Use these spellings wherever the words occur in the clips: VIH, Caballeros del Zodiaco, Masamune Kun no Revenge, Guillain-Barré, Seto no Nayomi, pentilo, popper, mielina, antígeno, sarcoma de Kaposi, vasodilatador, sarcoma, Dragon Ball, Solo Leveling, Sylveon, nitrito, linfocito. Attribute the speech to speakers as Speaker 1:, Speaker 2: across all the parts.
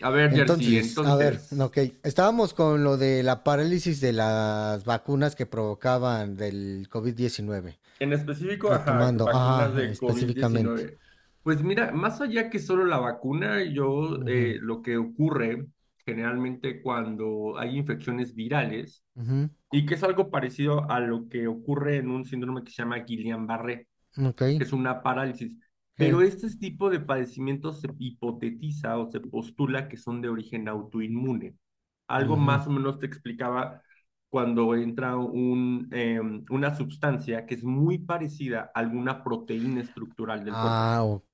Speaker 1: A ver, Jersey,
Speaker 2: Entonces, a ver,
Speaker 1: entonces,
Speaker 2: ok, estábamos con lo de la parálisis de las vacunas que provocaban del covid diecinueve.
Speaker 1: en específico, ajá,
Speaker 2: Retomando,
Speaker 1: vacunas
Speaker 2: ajá,
Speaker 1: de covid
Speaker 2: específicamente.
Speaker 1: diecinueve. Pues mira, más allá que solo la vacuna, yo
Speaker 2: Ujú,
Speaker 1: lo que ocurre generalmente cuando hay infecciones virales,
Speaker 2: ujú,
Speaker 1: y que es algo parecido a lo que ocurre en un síndrome que se llama Guillain-Barré,
Speaker 2: ok,
Speaker 1: que es una parálisis.
Speaker 2: eh,
Speaker 1: Pero este tipo de padecimientos se hipotetiza o se postula que son de origen autoinmune. Algo
Speaker 2: ujú.
Speaker 1: más o menos te explicaba cuando entra una sustancia que es muy parecida a alguna proteína estructural del cuerpo.
Speaker 2: Ah, ok.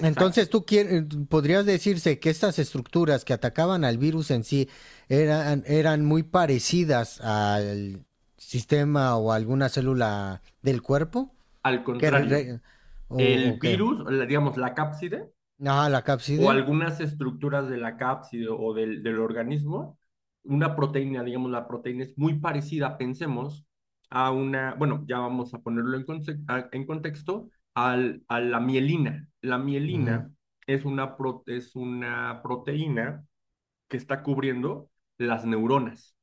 Speaker 2: Entonces, tú quieres, podrías decirse que estas estructuras que atacaban al virus en sí eran muy parecidas al sistema o alguna célula del cuerpo
Speaker 1: Al
Speaker 2: que
Speaker 1: contrario,
Speaker 2: o,
Speaker 1: el
Speaker 2: ¿qué?
Speaker 1: virus, digamos, la cápside,
Speaker 2: Ah, la
Speaker 1: o
Speaker 2: cápside.
Speaker 1: algunas estructuras de la cápside o del organismo, una proteína, digamos, la proteína es muy parecida, pensemos, a una, bueno, ya vamos a ponerlo en contexto, a la mielina. La
Speaker 2: Ujú.
Speaker 1: mielina es una proteína que está cubriendo las neuronas.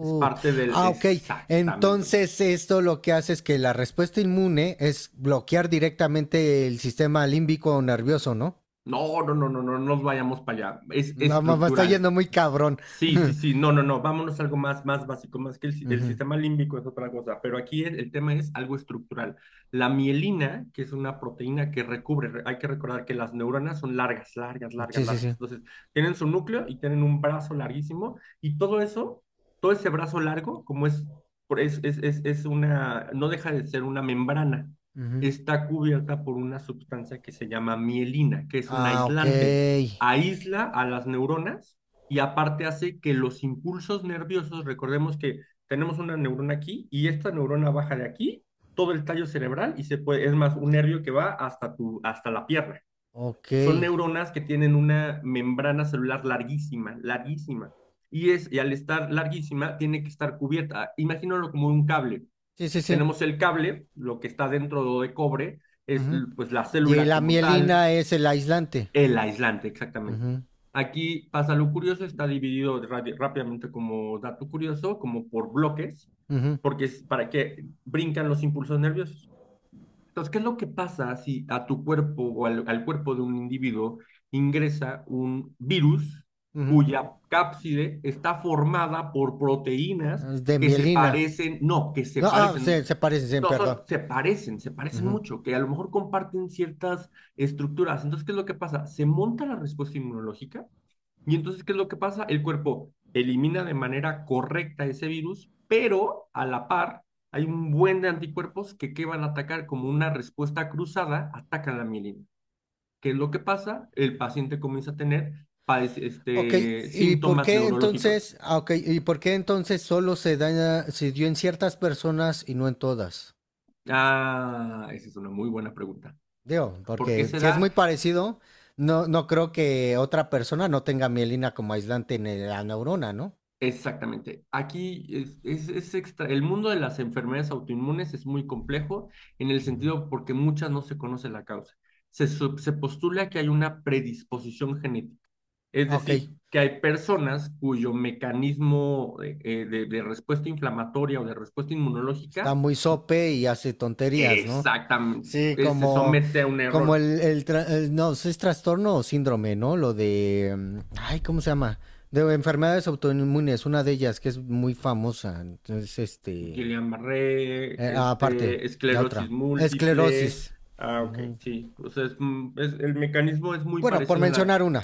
Speaker 1: Es parte del,
Speaker 2: ah, ok.
Speaker 1: exactamente.
Speaker 2: Entonces, esto lo que hace es que la respuesta inmune es bloquear directamente el sistema límbico o nervioso, ¿no?
Speaker 1: No, no, no, no, no no nos vayamos para allá. Es
Speaker 2: No, mamá, está
Speaker 1: estructural.
Speaker 2: yendo muy cabrón.
Speaker 1: Sí, sí, sí, no, no, no, vámonos a algo más, más básico, más que el, si- el
Speaker 2: Ujú.
Speaker 1: sistema límbico es otra cosa, pero aquí el tema es algo estructural. La mielina, que es una proteína que recubre, hay que recordar que las neuronas son largas, largas, largas,
Speaker 2: Sí, sí,
Speaker 1: largas.
Speaker 2: sí.
Speaker 1: Entonces, tienen su núcleo y tienen un brazo larguísimo y todo eso, todo ese brazo largo, como es, es, es una, no deja de ser una membrana,
Speaker 2: Ujú.
Speaker 1: está cubierta por una sustancia que se llama mielina, que es un
Speaker 2: Ah, ok.
Speaker 1: aislante, aísla a las neuronas y aparte hace que los impulsos nerviosos, recordemos que tenemos una neurona aquí y esta neurona baja de aquí, todo el tallo cerebral y se puede, es más, un nervio que va hasta, tu, hasta la pierna.
Speaker 2: Ok.
Speaker 1: Son
Speaker 2: Sí,
Speaker 1: neuronas que tienen una membrana celular larguísima, larguísima. Y al estar larguísima, tiene que estar cubierta. Imagínalo como un cable.
Speaker 2: sí, sí.
Speaker 1: Tenemos el cable, lo que está dentro de cobre, es
Speaker 2: Ujú.
Speaker 1: pues la
Speaker 2: Y
Speaker 1: célula
Speaker 2: la
Speaker 1: como tal,
Speaker 2: mielina es el aislante.
Speaker 1: el aislante, exactamente.
Speaker 2: Ujú,
Speaker 1: Aquí pasa lo curioso, está dividido rápidamente como dato curioso, como por bloques,
Speaker 2: ujú,
Speaker 1: porque es para que brincan los impulsos nerviosos. Entonces, ¿qué es lo que pasa si a tu cuerpo o al cuerpo de un individuo ingresa un virus
Speaker 2: ujú.
Speaker 1: cuya cápside está formada por proteínas
Speaker 2: Es de
Speaker 1: que se
Speaker 2: mielina.
Speaker 1: parecen, no, que se
Speaker 2: No, ah,
Speaker 1: parecen,
Speaker 2: se parecen, sí,
Speaker 1: no, son,
Speaker 2: perdón.
Speaker 1: se parecen
Speaker 2: Ujú.
Speaker 1: mucho, que a lo mejor comparten ciertas estructuras. Entonces, ¿qué es lo que pasa? Se monta la respuesta inmunológica y entonces, ¿qué es lo que pasa? El cuerpo elimina de manera correcta ese virus, pero a la par hay un buen de anticuerpos que van a atacar. Como una respuesta cruzada, atacan la mielina. ¿Qué es lo que pasa? El paciente comienza a tener
Speaker 2: Ok,
Speaker 1: este,
Speaker 2: ¿y por
Speaker 1: síntomas
Speaker 2: qué
Speaker 1: neurológicos.
Speaker 2: entonces, ah, ok, ¿y por qué entonces solo se daña, se dio en ciertas personas y no en todas?
Speaker 1: Ah, esa es una muy buena pregunta.
Speaker 2: Digo,
Speaker 1: ¿Por qué
Speaker 2: porque si es muy
Speaker 1: será?
Speaker 2: parecido, no, no creo que otra persona no tenga mielina como aislante en la neurona, ¿no?
Speaker 1: Exactamente. Aquí es extra. El mundo de las enfermedades autoinmunes es muy complejo en el
Speaker 2: Ujú.
Speaker 1: sentido porque muchas no se conoce la causa. Se se postula que hay una predisposición genética, es
Speaker 2: Ah, ok,
Speaker 1: decir, que hay personas cuyo mecanismo de respuesta inflamatoria o de respuesta
Speaker 2: está
Speaker 1: inmunológica
Speaker 2: muy sope y hace tonterías, ¿no?
Speaker 1: exactamente
Speaker 2: Sí,
Speaker 1: se
Speaker 2: como,
Speaker 1: somete a un
Speaker 2: como
Speaker 1: error.
Speaker 2: el no, ¿sí es trastorno o síndrome?, ¿no? Lo de, ay, ¿cómo se llama? De enfermedades autoinmunes, una de ellas que es muy famosa, entonces, este,
Speaker 1: Guillain-Barré,
Speaker 2: aparte,
Speaker 1: este,
Speaker 2: la
Speaker 1: esclerosis
Speaker 2: otra,
Speaker 1: múltiple.
Speaker 2: esclerosis.
Speaker 1: Ah, ok,
Speaker 2: Ujú.
Speaker 1: sí. O sea, el mecanismo es muy
Speaker 2: Bueno, por
Speaker 1: parecido en la...
Speaker 2: mencionar una,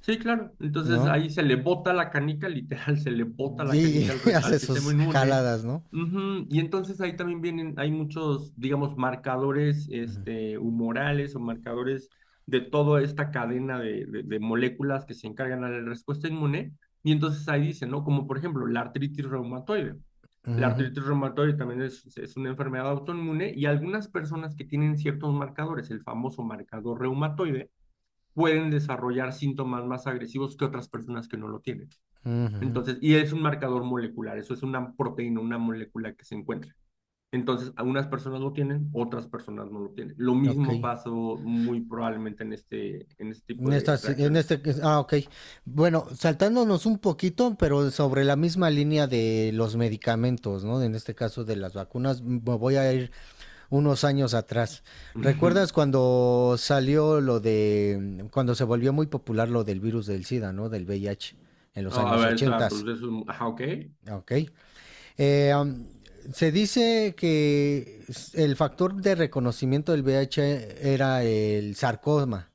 Speaker 1: Sí, claro. Entonces
Speaker 2: ¿no?
Speaker 1: ahí se le bota la canica, literal, se le bota la
Speaker 2: Y
Speaker 1: canica al, al
Speaker 2: hace
Speaker 1: sistema
Speaker 2: sus
Speaker 1: inmune.
Speaker 2: jaladas, ¿no?
Speaker 1: Ujú. Y entonces ahí también vienen, hay muchos, digamos, marcadores este, humorales o marcadores de toda esta cadena de, de moléculas que se encargan a la respuesta inmune. Y entonces ahí dicen, ¿no? Como por ejemplo la artritis reumatoide. La
Speaker 2: Ujú,
Speaker 1: artritis reumatoide también es una enfermedad autoinmune y algunas personas que tienen ciertos marcadores, el famoso marcador reumatoide, pueden desarrollar síntomas más agresivos que otras personas que no lo tienen.
Speaker 2: ujú.
Speaker 1: Entonces, y es un marcador molecular, eso es una proteína, una molécula que se encuentra. Entonces, algunas personas lo tienen, otras personas no lo tienen. Lo
Speaker 2: Ok.
Speaker 1: mismo pasó muy probablemente en este, tipo
Speaker 2: En
Speaker 1: de
Speaker 2: esta, en
Speaker 1: reacciones.
Speaker 2: este, ah, ok. Bueno, saltándonos un poquito, pero sobre la misma línea de los medicamentos, ¿no? En este caso de las vacunas, me voy a ir unos años atrás. ¿Recuerdas cuando salió lo de, cuando se volvió muy popular lo del virus del SIDA, ¿no? Del VIH en los
Speaker 1: Ah, a
Speaker 2: años
Speaker 1: ver, o sea,
Speaker 2: 80,
Speaker 1: pues eso, ajá, ok.
Speaker 2: ok. Eh, um, se dice que el factor de reconocimiento del VIH era el sarcoma,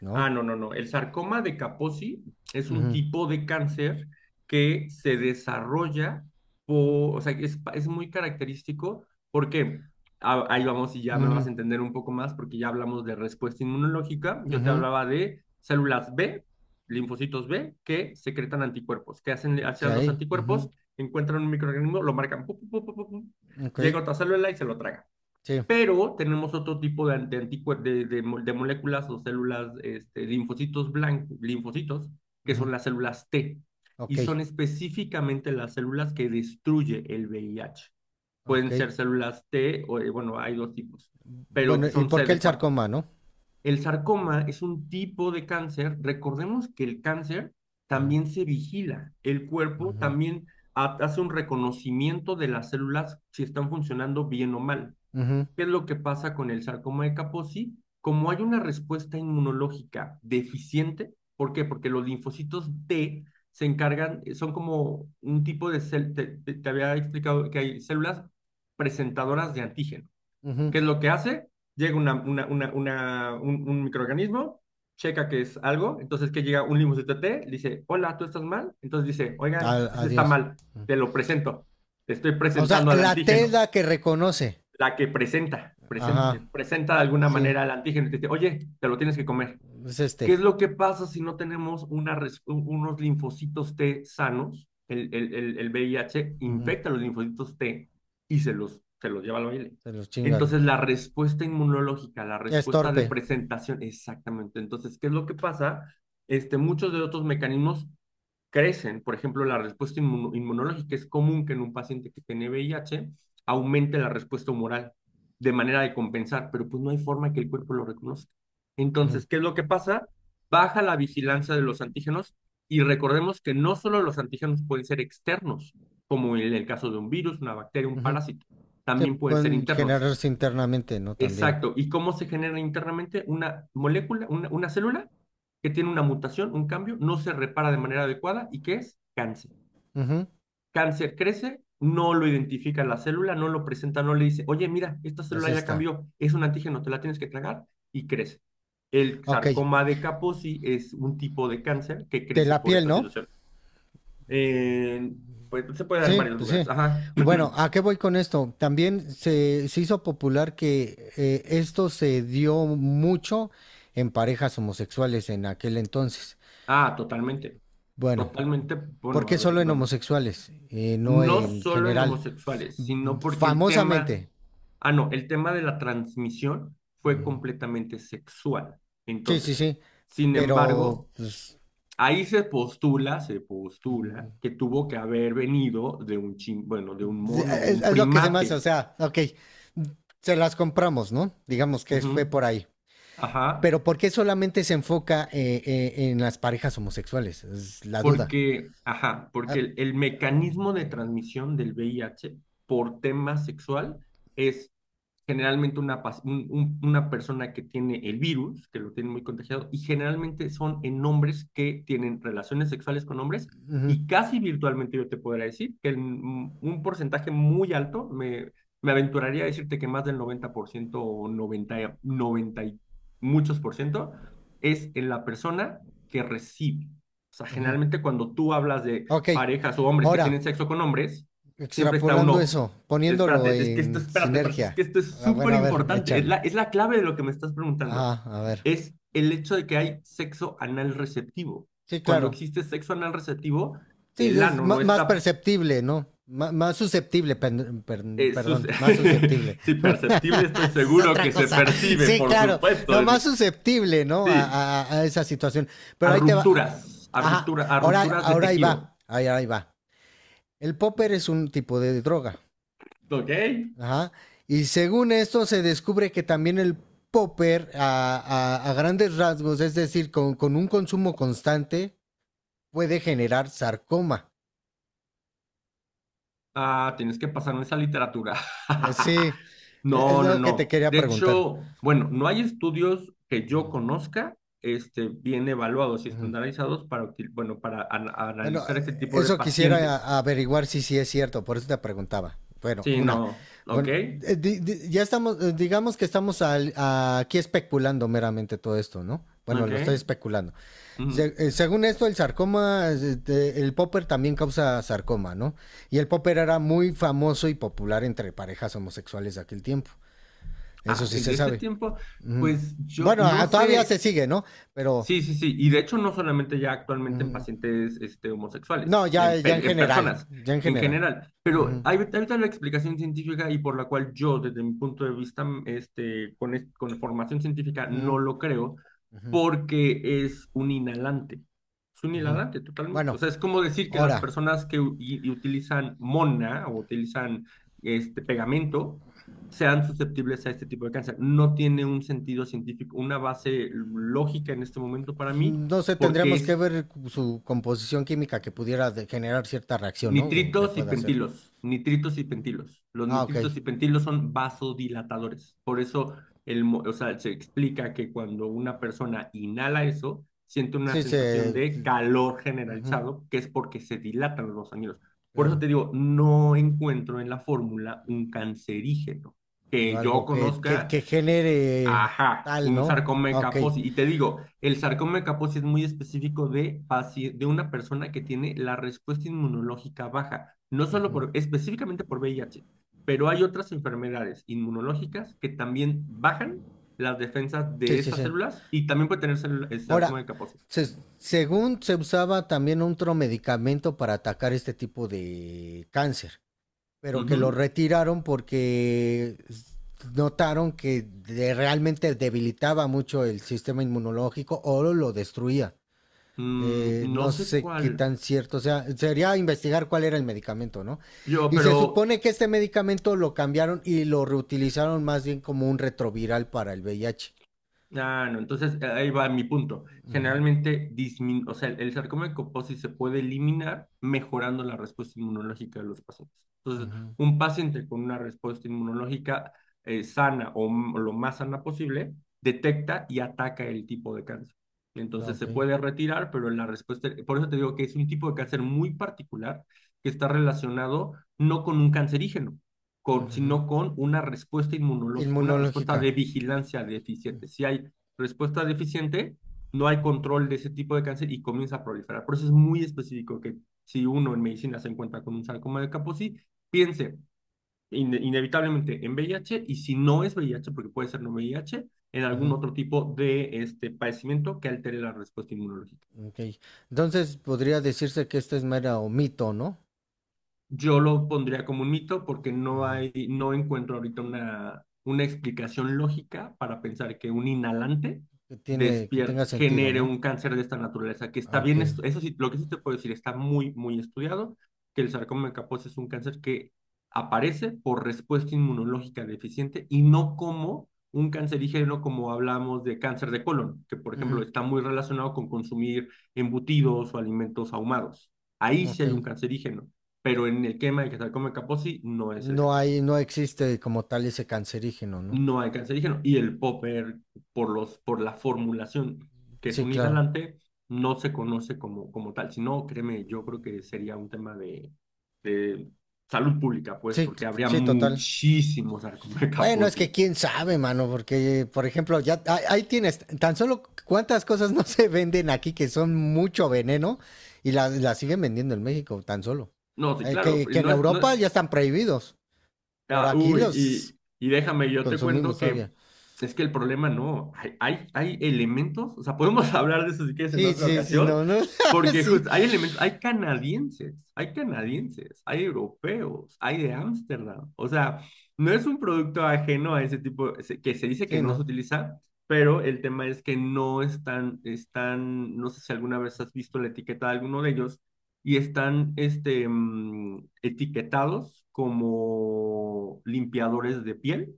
Speaker 2: ¿no?
Speaker 1: Ah, no, no, no. El sarcoma de Kaposi es un
Speaker 2: Ujú,
Speaker 1: tipo de cáncer que se desarrolla, o sea, que es muy característico porque, ah, ahí vamos y ya me vas
Speaker 2: ujú.
Speaker 1: a entender un poco más porque ya hablamos de respuesta inmunológica. Yo te
Speaker 2: Ujú,
Speaker 1: hablaba de células B, linfocitos B, que secretan anticuerpos. ¿Qué hacen, hacían los
Speaker 2: ujú,
Speaker 1: anticuerpos? Encuentran un microorganismo, lo marcan, pu, pu, pu, pu, pu, pu,
Speaker 2: okey,
Speaker 1: llega otra célula y se lo traga,
Speaker 2: sí,
Speaker 1: pero tenemos otro tipo de, anti- anticuer- de moléculas o células, este, linfocitos blancos, linfocitos, que
Speaker 2: ujú,
Speaker 1: son las células T, y
Speaker 2: okey,
Speaker 1: son específicamente las células que destruye el VIH. Pueden
Speaker 2: okey.
Speaker 1: ser células T, o, bueno, hay dos tipos, pero
Speaker 2: Bueno,
Speaker 1: que
Speaker 2: ¿y
Speaker 1: son
Speaker 2: por qué el
Speaker 1: CD4.
Speaker 2: sarcoma?, ¿no?
Speaker 1: El sarcoma es un tipo de cáncer. Recordemos que el cáncer
Speaker 2: Ujú,
Speaker 1: también se vigila. El cuerpo
Speaker 2: ujú,
Speaker 1: también hace un reconocimiento de las células si están funcionando bien o mal.
Speaker 2: ujú,
Speaker 1: ¿Qué es lo que pasa con el sarcoma de Kaposi? Como hay una respuesta inmunológica deficiente, ¿por qué? Porque los linfocitos T se encargan, son como un tipo de te había explicado que hay células presentadoras de antígeno.
Speaker 2: ujú,
Speaker 1: ¿Qué es lo que hace? Llega un microorganismo, checa que es algo, entonces que llega un linfocito T, dice, hola, ¿tú estás mal? Entonces dice,
Speaker 2: a
Speaker 1: oigan, este está
Speaker 2: adiós.
Speaker 1: mal,
Speaker 2: Mm.
Speaker 1: te lo presento, te estoy
Speaker 2: O sea,
Speaker 1: presentando al
Speaker 2: la T es
Speaker 1: antígeno,
Speaker 2: la que reconoce.
Speaker 1: la que presenta, presenta
Speaker 2: Ajá,
Speaker 1: presenta de alguna
Speaker 2: sí,
Speaker 1: manera el antígeno y te dice, oye, te lo tienes que comer.
Speaker 2: es
Speaker 1: ¿Qué
Speaker 2: este.
Speaker 1: es lo que pasa si no tenemos una unos linfocitos T sanos? El VIH
Speaker 2: Ujú,
Speaker 1: infecta los linfocitos T y se los lleva al baile.
Speaker 2: se los chingan.
Speaker 1: Entonces, la respuesta inmunológica, la
Speaker 2: Es
Speaker 1: respuesta de
Speaker 2: torpe.
Speaker 1: presentación, exactamente. Entonces, ¿qué es lo que pasa? Este, muchos de otros mecanismos crecen. Por ejemplo, la respuesta inmunológica es común que en un paciente que tiene VIH aumente la respuesta humoral de manera de compensar, pero pues no hay forma que el cuerpo lo reconozca.
Speaker 2: Ujú,
Speaker 1: Entonces, ¿qué es lo que pasa? Baja la vigilancia de los antígenos y recordemos que no solo los antígenos pueden ser externos, como en el caso de un virus, una bacteria, un
Speaker 2: ujú.
Speaker 1: parásito,
Speaker 2: Se
Speaker 1: también pueden ser
Speaker 2: pueden
Speaker 1: internos.
Speaker 2: generarse internamente, ¿no? También.
Speaker 1: Exacto. ¿Y cómo se genera internamente una molécula, una célula que tiene una mutación, un cambio, no se repara de manera adecuada y que es cáncer?
Speaker 2: Ujú,
Speaker 1: Cáncer crece, no lo identifica la célula, no lo presenta, no le dice, oye, mira, esta
Speaker 2: es
Speaker 1: célula ya
Speaker 2: esta.
Speaker 1: cambió, es un antígeno, te la tienes que tragar y crece. El
Speaker 2: Okey,
Speaker 1: sarcoma de Kaposi es un tipo de cáncer que
Speaker 2: de
Speaker 1: crece
Speaker 2: la
Speaker 1: por
Speaker 2: piel,
Speaker 1: esta
Speaker 2: ¿no?
Speaker 1: situación. Eh, pues se puede dar en
Speaker 2: Sí,
Speaker 1: varios
Speaker 2: pues
Speaker 1: lugares.
Speaker 2: sí.
Speaker 1: Ajá.
Speaker 2: Bueno, ¿a qué voy con esto? También se hizo popular que esto se dio mucho en parejas homosexuales en aquel entonces.
Speaker 1: Ah, totalmente.
Speaker 2: Bueno,
Speaker 1: Totalmente.
Speaker 2: ¿por
Speaker 1: Bueno,
Speaker 2: qué
Speaker 1: a ver,
Speaker 2: solo en
Speaker 1: vamos.
Speaker 2: homosexuales? No
Speaker 1: No
Speaker 2: en
Speaker 1: solo en
Speaker 2: general.
Speaker 1: homosexuales,
Speaker 2: Mm,
Speaker 1: sino porque el tema,
Speaker 2: famosamente.
Speaker 1: ah, no, el tema de la transmisión fue
Speaker 2: Ujú.
Speaker 1: completamente sexual.
Speaker 2: Sí, sí,
Speaker 1: Entonces,
Speaker 2: sí.
Speaker 1: sin
Speaker 2: Pero
Speaker 1: embargo,
Speaker 2: pues,
Speaker 1: ahí se postula
Speaker 2: mm,
Speaker 1: que tuvo que haber venido de un bueno, de un mono, un
Speaker 2: es lo que se me hace. O
Speaker 1: primate.
Speaker 2: sea, ok, se las compramos, ¿no? Digamos que fue
Speaker 1: Ujú.
Speaker 2: por ahí.
Speaker 1: Ajá.
Speaker 2: Pero ¿por qué solamente se enfoca en las parejas homosexuales? Es la duda.
Speaker 1: Porque, ajá, porque
Speaker 2: Ah,
Speaker 1: el mecanismo de transmisión del VIH por tema sexual es generalmente una, una persona que tiene el virus, que lo tiene muy contagiado, y generalmente son en hombres que tienen relaciones sexuales con hombres,
Speaker 2: ujú,
Speaker 1: y casi virtualmente yo te podría decir que en un porcentaje muy alto, me aventuraría a decirte que más del 90% o 90, 90 y muchos por ciento, es en la persona que recibe. O sea,
Speaker 2: ujú.
Speaker 1: generalmente cuando tú hablas de
Speaker 2: Ok,
Speaker 1: parejas o hombres que
Speaker 2: ahora,
Speaker 1: tienen sexo con hombres, siempre está
Speaker 2: extrapolando eso,
Speaker 1: uno,
Speaker 2: poniéndolo
Speaker 1: espérate, es que esto,
Speaker 2: en
Speaker 1: espérate, espérate,
Speaker 2: sinergia.
Speaker 1: es que esto es
Speaker 2: Ah, bueno,
Speaker 1: súper
Speaker 2: a ver,
Speaker 1: importante, es
Speaker 2: échale.
Speaker 1: la, es la clave de lo que me estás preguntando,
Speaker 2: Ajá, a ver.
Speaker 1: es el hecho de que hay sexo anal receptivo.
Speaker 2: Sí,
Speaker 1: Cuando
Speaker 2: claro.
Speaker 1: existe sexo anal receptivo,
Speaker 2: Sí,
Speaker 1: el
Speaker 2: es
Speaker 1: ano no
Speaker 2: más
Speaker 1: está...
Speaker 2: perceptible, ¿no? Más susceptible,
Speaker 1: eh, sus-
Speaker 2: perdón, más susceptible.
Speaker 1: sí, perceptible, estoy
Speaker 2: Es
Speaker 1: seguro
Speaker 2: otra
Speaker 1: que se
Speaker 2: cosa.
Speaker 1: percibe,
Speaker 2: Sí,
Speaker 1: por
Speaker 2: claro.
Speaker 1: supuesto.
Speaker 2: No, más
Speaker 1: En...
Speaker 2: susceptible, ¿no? A,
Speaker 1: Sí,
Speaker 2: a esa situación.
Speaker 1: a
Speaker 2: Pero ahí te va.
Speaker 1: rupturas, a
Speaker 2: Ajá.
Speaker 1: ruptura, a
Speaker 2: Ahora,
Speaker 1: rupturas de
Speaker 2: ahora ahí
Speaker 1: tejido.
Speaker 2: va. Ahí, ahí va. El popper es un tipo de droga.
Speaker 1: ¿Ok?
Speaker 2: Ajá. Y según esto se descubre que también el popper a, a grandes rasgos, es decir, con un consumo constante, puede generar sarcoma.
Speaker 1: Ah, tienes que pasarme esa literatura.
Speaker 2: Sí, es
Speaker 1: No, no,
Speaker 2: lo que te
Speaker 1: no.
Speaker 2: quería
Speaker 1: De
Speaker 2: preguntar.
Speaker 1: hecho, bueno, no hay estudios que yo
Speaker 2: Ujú,
Speaker 1: conozca, este, bien evaluados y
Speaker 2: ujú.
Speaker 1: estandarizados para, bueno, para
Speaker 2: Bueno,
Speaker 1: analizar este tipo de
Speaker 2: eso quisiera
Speaker 1: pacientes.
Speaker 2: averiguar si sí es cierto, por eso te preguntaba. Bueno,
Speaker 1: Sí,
Speaker 2: una.
Speaker 1: no, ok,
Speaker 2: Bueno, ya estamos, digamos que estamos aquí especulando meramente todo esto, ¿no? Bueno,
Speaker 1: ok.
Speaker 2: lo estoy especulando.
Speaker 1: Ujú.
Speaker 2: Según esto, el sarcoma, el popper también causa sarcoma, ¿no? Y el popper era muy famoso y popular entre parejas homosexuales de aquel tiempo. Eso
Speaker 1: Ah,
Speaker 2: sí
Speaker 1: en
Speaker 2: se
Speaker 1: ese
Speaker 2: sabe.
Speaker 1: tiempo,
Speaker 2: Mm.
Speaker 1: pues yo
Speaker 2: Bueno,
Speaker 1: no
Speaker 2: todavía se
Speaker 1: sé.
Speaker 2: sigue, ¿no? Pero
Speaker 1: Sí, sí, sí. Y de hecho, no solamente ya actualmente en
Speaker 2: mm,
Speaker 1: pacientes este,
Speaker 2: no,
Speaker 1: homosexuales,
Speaker 2: ya,
Speaker 1: en,
Speaker 2: ya en
Speaker 1: en
Speaker 2: general,
Speaker 1: personas
Speaker 2: ya en
Speaker 1: en
Speaker 2: general.
Speaker 1: general. Pero
Speaker 2: Ujú,
Speaker 1: hay ahorita la explicación científica y por la cual yo, desde mi punto de vista, mm, este, con, con formación científica,
Speaker 2: ujú,
Speaker 1: no lo creo, porque es un inhalante. Es un
Speaker 2: ujú.
Speaker 1: inhalante totalmente. O
Speaker 2: Bueno,
Speaker 1: sea, es como decir que las
Speaker 2: ahora,
Speaker 1: personas que y utilizan mona o utilizan este pegamento sean susceptibles a este tipo de cáncer. No tiene un sentido científico, una base lógica en este momento para mí,
Speaker 2: no sé,
Speaker 1: porque
Speaker 2: tendríamos que
Speaker 1: es
Speaker 2: ver su composición química que pudiera generar cierta reacción, ¿no? O que
Speaker 1: nitritos y
Speaker 2: pueda hacer.
Speaker 1: pentilos, nitritos y pentilos. Los
Speaker 2: Ah, ok.
Speaker 1: nitritos y pentilos son vasodilatadores. Por eso o sea, se explica que cuando una persona inhala eso, siente una
Speaker 2: Sí,
Speaker 1: sensación
Speaker 2: se...
Speaker 1: de calor
Speaker 2: ujú,
Speaker 1: generalizado, que es porque se dilatan los ganglios. Por eso
Speaker 2: claro.
Speaker 1: te digo, no encuentro en la fórmula un cancerígeno que yo
Speaker 2: Algo que,
Speaker 1: conozca.
Speaker 2: que genere
Speaker 1: Ajá,
Speaker 2: tal,
Speaker 1: un
Speaker 2: ¿no?
Speaker 1: sarcoma
Speaker 2: Ah, ok.
Speaker 1: Kaposi. Y te digo, el sarcoma Kaposi es muy específico de una persona que tiene la respuesta inmunológica baja, no solo
Speaker 2: Ujú.
Speaker 1: específicamente por VIH, pero hay otras enfermedades inmunológicas que también bajan las defensas
Speaker 2: Sí,
Speaker 1: de
Speaker 2: sí,
Speaker 1: esas
Speaker 2: sí.
Speaker 1: células y también puede tener el sarcoma de
Speaker 2: Ahora,
Speaker 1: Kaposi.
Speaker 2: según se usaba también otro medicamento para atacar este tipo de cáncer, pero que lo
Speaker 1: Ujú.
Speaker 2: retiraron porque notaron que realmente debilitaba mucho el sistema inmunológico o lo destruía.
Speaker 1: No
Speaker 2: No
Speaker 1: sé
Speaker 2: sé qué
Speaker 1: cuál.
Speaker 2: tan cierto sea. Sería investigar cuál era el medicamento, ¿no?
Speaker 1: Yo,
Speaker 2: Y se
Speaker 1: pero
Speaker 2: supone que este medicamento lo cambiaron y lo reutilizaron más bien como un retroviral para el VIH.
Speaker 1: Ah, no. Entonces, ahí va mi punto.
Speaker 2: Ujú,
Speaker 1: Generalmente, dismin o sea, el sarcoma de Kaposi se puede eliminar mejorando la respuesta inmunológica de los pacientes. Entonces,
Speaker 2: ujú.
Speaker 1: un paciente con una respuesta inmunológica sana o lo más sana posible, detecta y ataca el tipo de cáncer.
Speaker 2: No,
Speaker 1: Entonces,
Speaker 2: ok.
Speaker 1: se puede retirar, pero por eso te digo que es un tipo de cáncer muy particular que está relacionado no con un cancerígeno
Speaker 2: Ujú.
Speaker 1: sino con una respuesta inmunológica, una respuesta
Speaker 2: Inmunológica.
Speaker 1: de vigilancia deficiente. Si hay respuesta deficiente, no hay control de ese tipo de cáncer y comienza a proliferar. Por eso es muy específico que si uno en medicina se encuentra con un sarcoma de Kaposi, piense in inevitablemente en VIH, y si no es VIH, porque puede ser no VIH, en algún
Speaker 2: Ujú,
Speaker 1: otro tipo de este padecimiento que altere la respuesta inmunológica.
Speaker 2: ok. Entonces podría decirse que esta es mera o mito, ¿no?
Speaker 1: Yo lo pondría como un mito porque no
Speaker 2: Ujú.
Speaker 1: hay, no encuentro ahorita una explicación lógica para pensar que un inhalante
Speaker 2: Que tiene, que tenga
Speaker 1: despierte,
Speaker 2: sentido,
Speaker 1: genere
Speaker 2: ¿no?
Speaker 1: un cáncer de esta naturaleza. Que
Speaker 2: Ah,
Speaker 1: está
Speaker 2: ok.
Speaker 1: bien, eso sí, lo que sí te puedo decir, está muy, muy estudiado, que el sarcoma de Kaposi es un cáncer que aparece por respuesta inmunológica deficiente y no como un cancerígeno, como hablamos de cáncer de colon, que por ejemplo
Speaker 2: Ujú,
Speaker 1: está muy relacionado con consumir embutidos o alimentos ahumados. Ahí sí
Speaker 2: ok.
Speaker 1: hay un cancerígeno, pero en el quema de que tal como el Kaposi no es el
Speaker 2: No
Speaker 1: caso.
Speaker 2: hay, no existe como tal ese cancerígeno, ¿no?
Speaker 1: No hay cancerígeno. Y el popper, por la formulación, que es
Speaker 2: Sí,
Speaker 1: un
Speaker 2: claro.
Speaker 1: inhalante, no se conoce como tal. Si no, créeme, yo creo que sería un tema de salud pública, pues,
Speaker 2: Sí,
Speaker 1: porque habría
Speaker 2: sí, total.
Speaker 1: muchísimos
Speaker 2: Bueno, es que
Speaker 1: sarcomecaposis.
Speaker 2: quién sabe, mano, porque, por ejemplo, ahí tienes, tan solo cuántas cosas no se venden aquí que son mucho veneno y las siguen vendiendo en México, tan solo.
Speaker 1: No, sí, claro,
Speaker 2: Que en
Speaker 1: no es,
Speaker 2: Europa
Speaker 1: no.
Speaker 2: ya están prohibidos. Pero
Speaker 1: Ah,
Speaker 2: aquí
Speaker 1: uy,
Speaker 2: los
Speaker 1: y déjame, yo te
Speaker 2: consumimos
Speaker 1: cuento
Speaker 2: todavía.
Speaker 1: que es que el problema no, hay elementos, o sea, podemos hablar de eso si quieres en
Speaker 2: Sí,
Speaker 1: otra
Speaker 2: sí, sí,
Speaker 1: ocasión,
Speaker 2: no, no.
Speaker 1: porque
Speaker 2: Sí.
Speaker 1: justo hay elementos, hay canadienses, hay
Speaker 2: Ujú.
Speaker 1: canadienses, hay europeos, hay de Ámsterdam. O sea, no es un producto ajeno a ese tipo, que se dice que
Speaker 2: Sí,
Speaker 1: no se
Speaker 2: no.
Speaker 1: utiliza, pero el tema es que no están, están, no sé si alguna vez has visto la etiqueta de alguno de ellos y están etiquetados como limpiadores de piel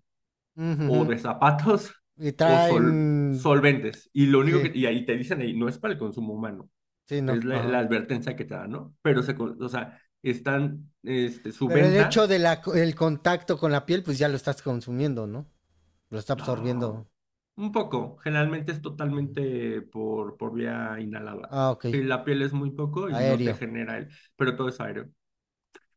Speaker 1: o
Speaker 2: Ujujú.
Speaker 1: de zapatos
Speaker 2: Y
Speaker 1: o
Speaker 2: traen.
Speaker 1: solventes. Y lo único
Speaker 2: Sí,
Speaker 1: que, y ahí te dicen ahí, no es para el consumo humano,
Speaker 2: sí, no.
Speaker 1: es la
Speaker 2: Ajá.
Speaker 1: advertencia que te dan, ¿no? Pero se, o sea, están, su
Speaker 2: Pero el hecho
Speaker 1: venta,
Speaker 2: del el contacto con la piel, pues ya lo estás consumiendo, ¿no? Lo está absorbiendo.
Speaker 1: no, un poco, generalmente es
Speaker 2: Ujú.
Speaker 1: totalmente por, vía inhalada.
Speaker 2: Ah, ok.
Speaker 1: Y la piel es muy poco y no te
Speaker 2: Aéreo.
Speaker 1: genera el, pero todo es aéreo.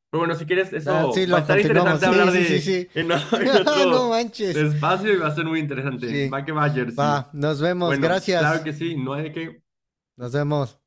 Speaker 1: Pero bueno, si quieres,
Speaker 2: Sí,
Speaker 1: eso va a
Speaker 2: lo
Speaker 1: estar
Speaker 2: continuamos.
Speaker 1: interesante
Speaker 2: Sí,
Speaker 1: hablar
Speaker 2: sí, sí,
Speaker 1: de
Speaker 2: sí.
Speaker 1: en
Speaker 2: No
Speaker 1: otro
Speaker 2: manches.
Speaker 1: espacio, y va a ser muy interesante.
Speaker 2: Sí.
Speaker 1: Va que va, Jersey.
Speaker 2: Va, nos vemos.
Speaker 1: Bueno, claro
Speaker 2: Gracias.
Speaker 1: que sí, no hay de qué.
Speaker 2: Nos vemos.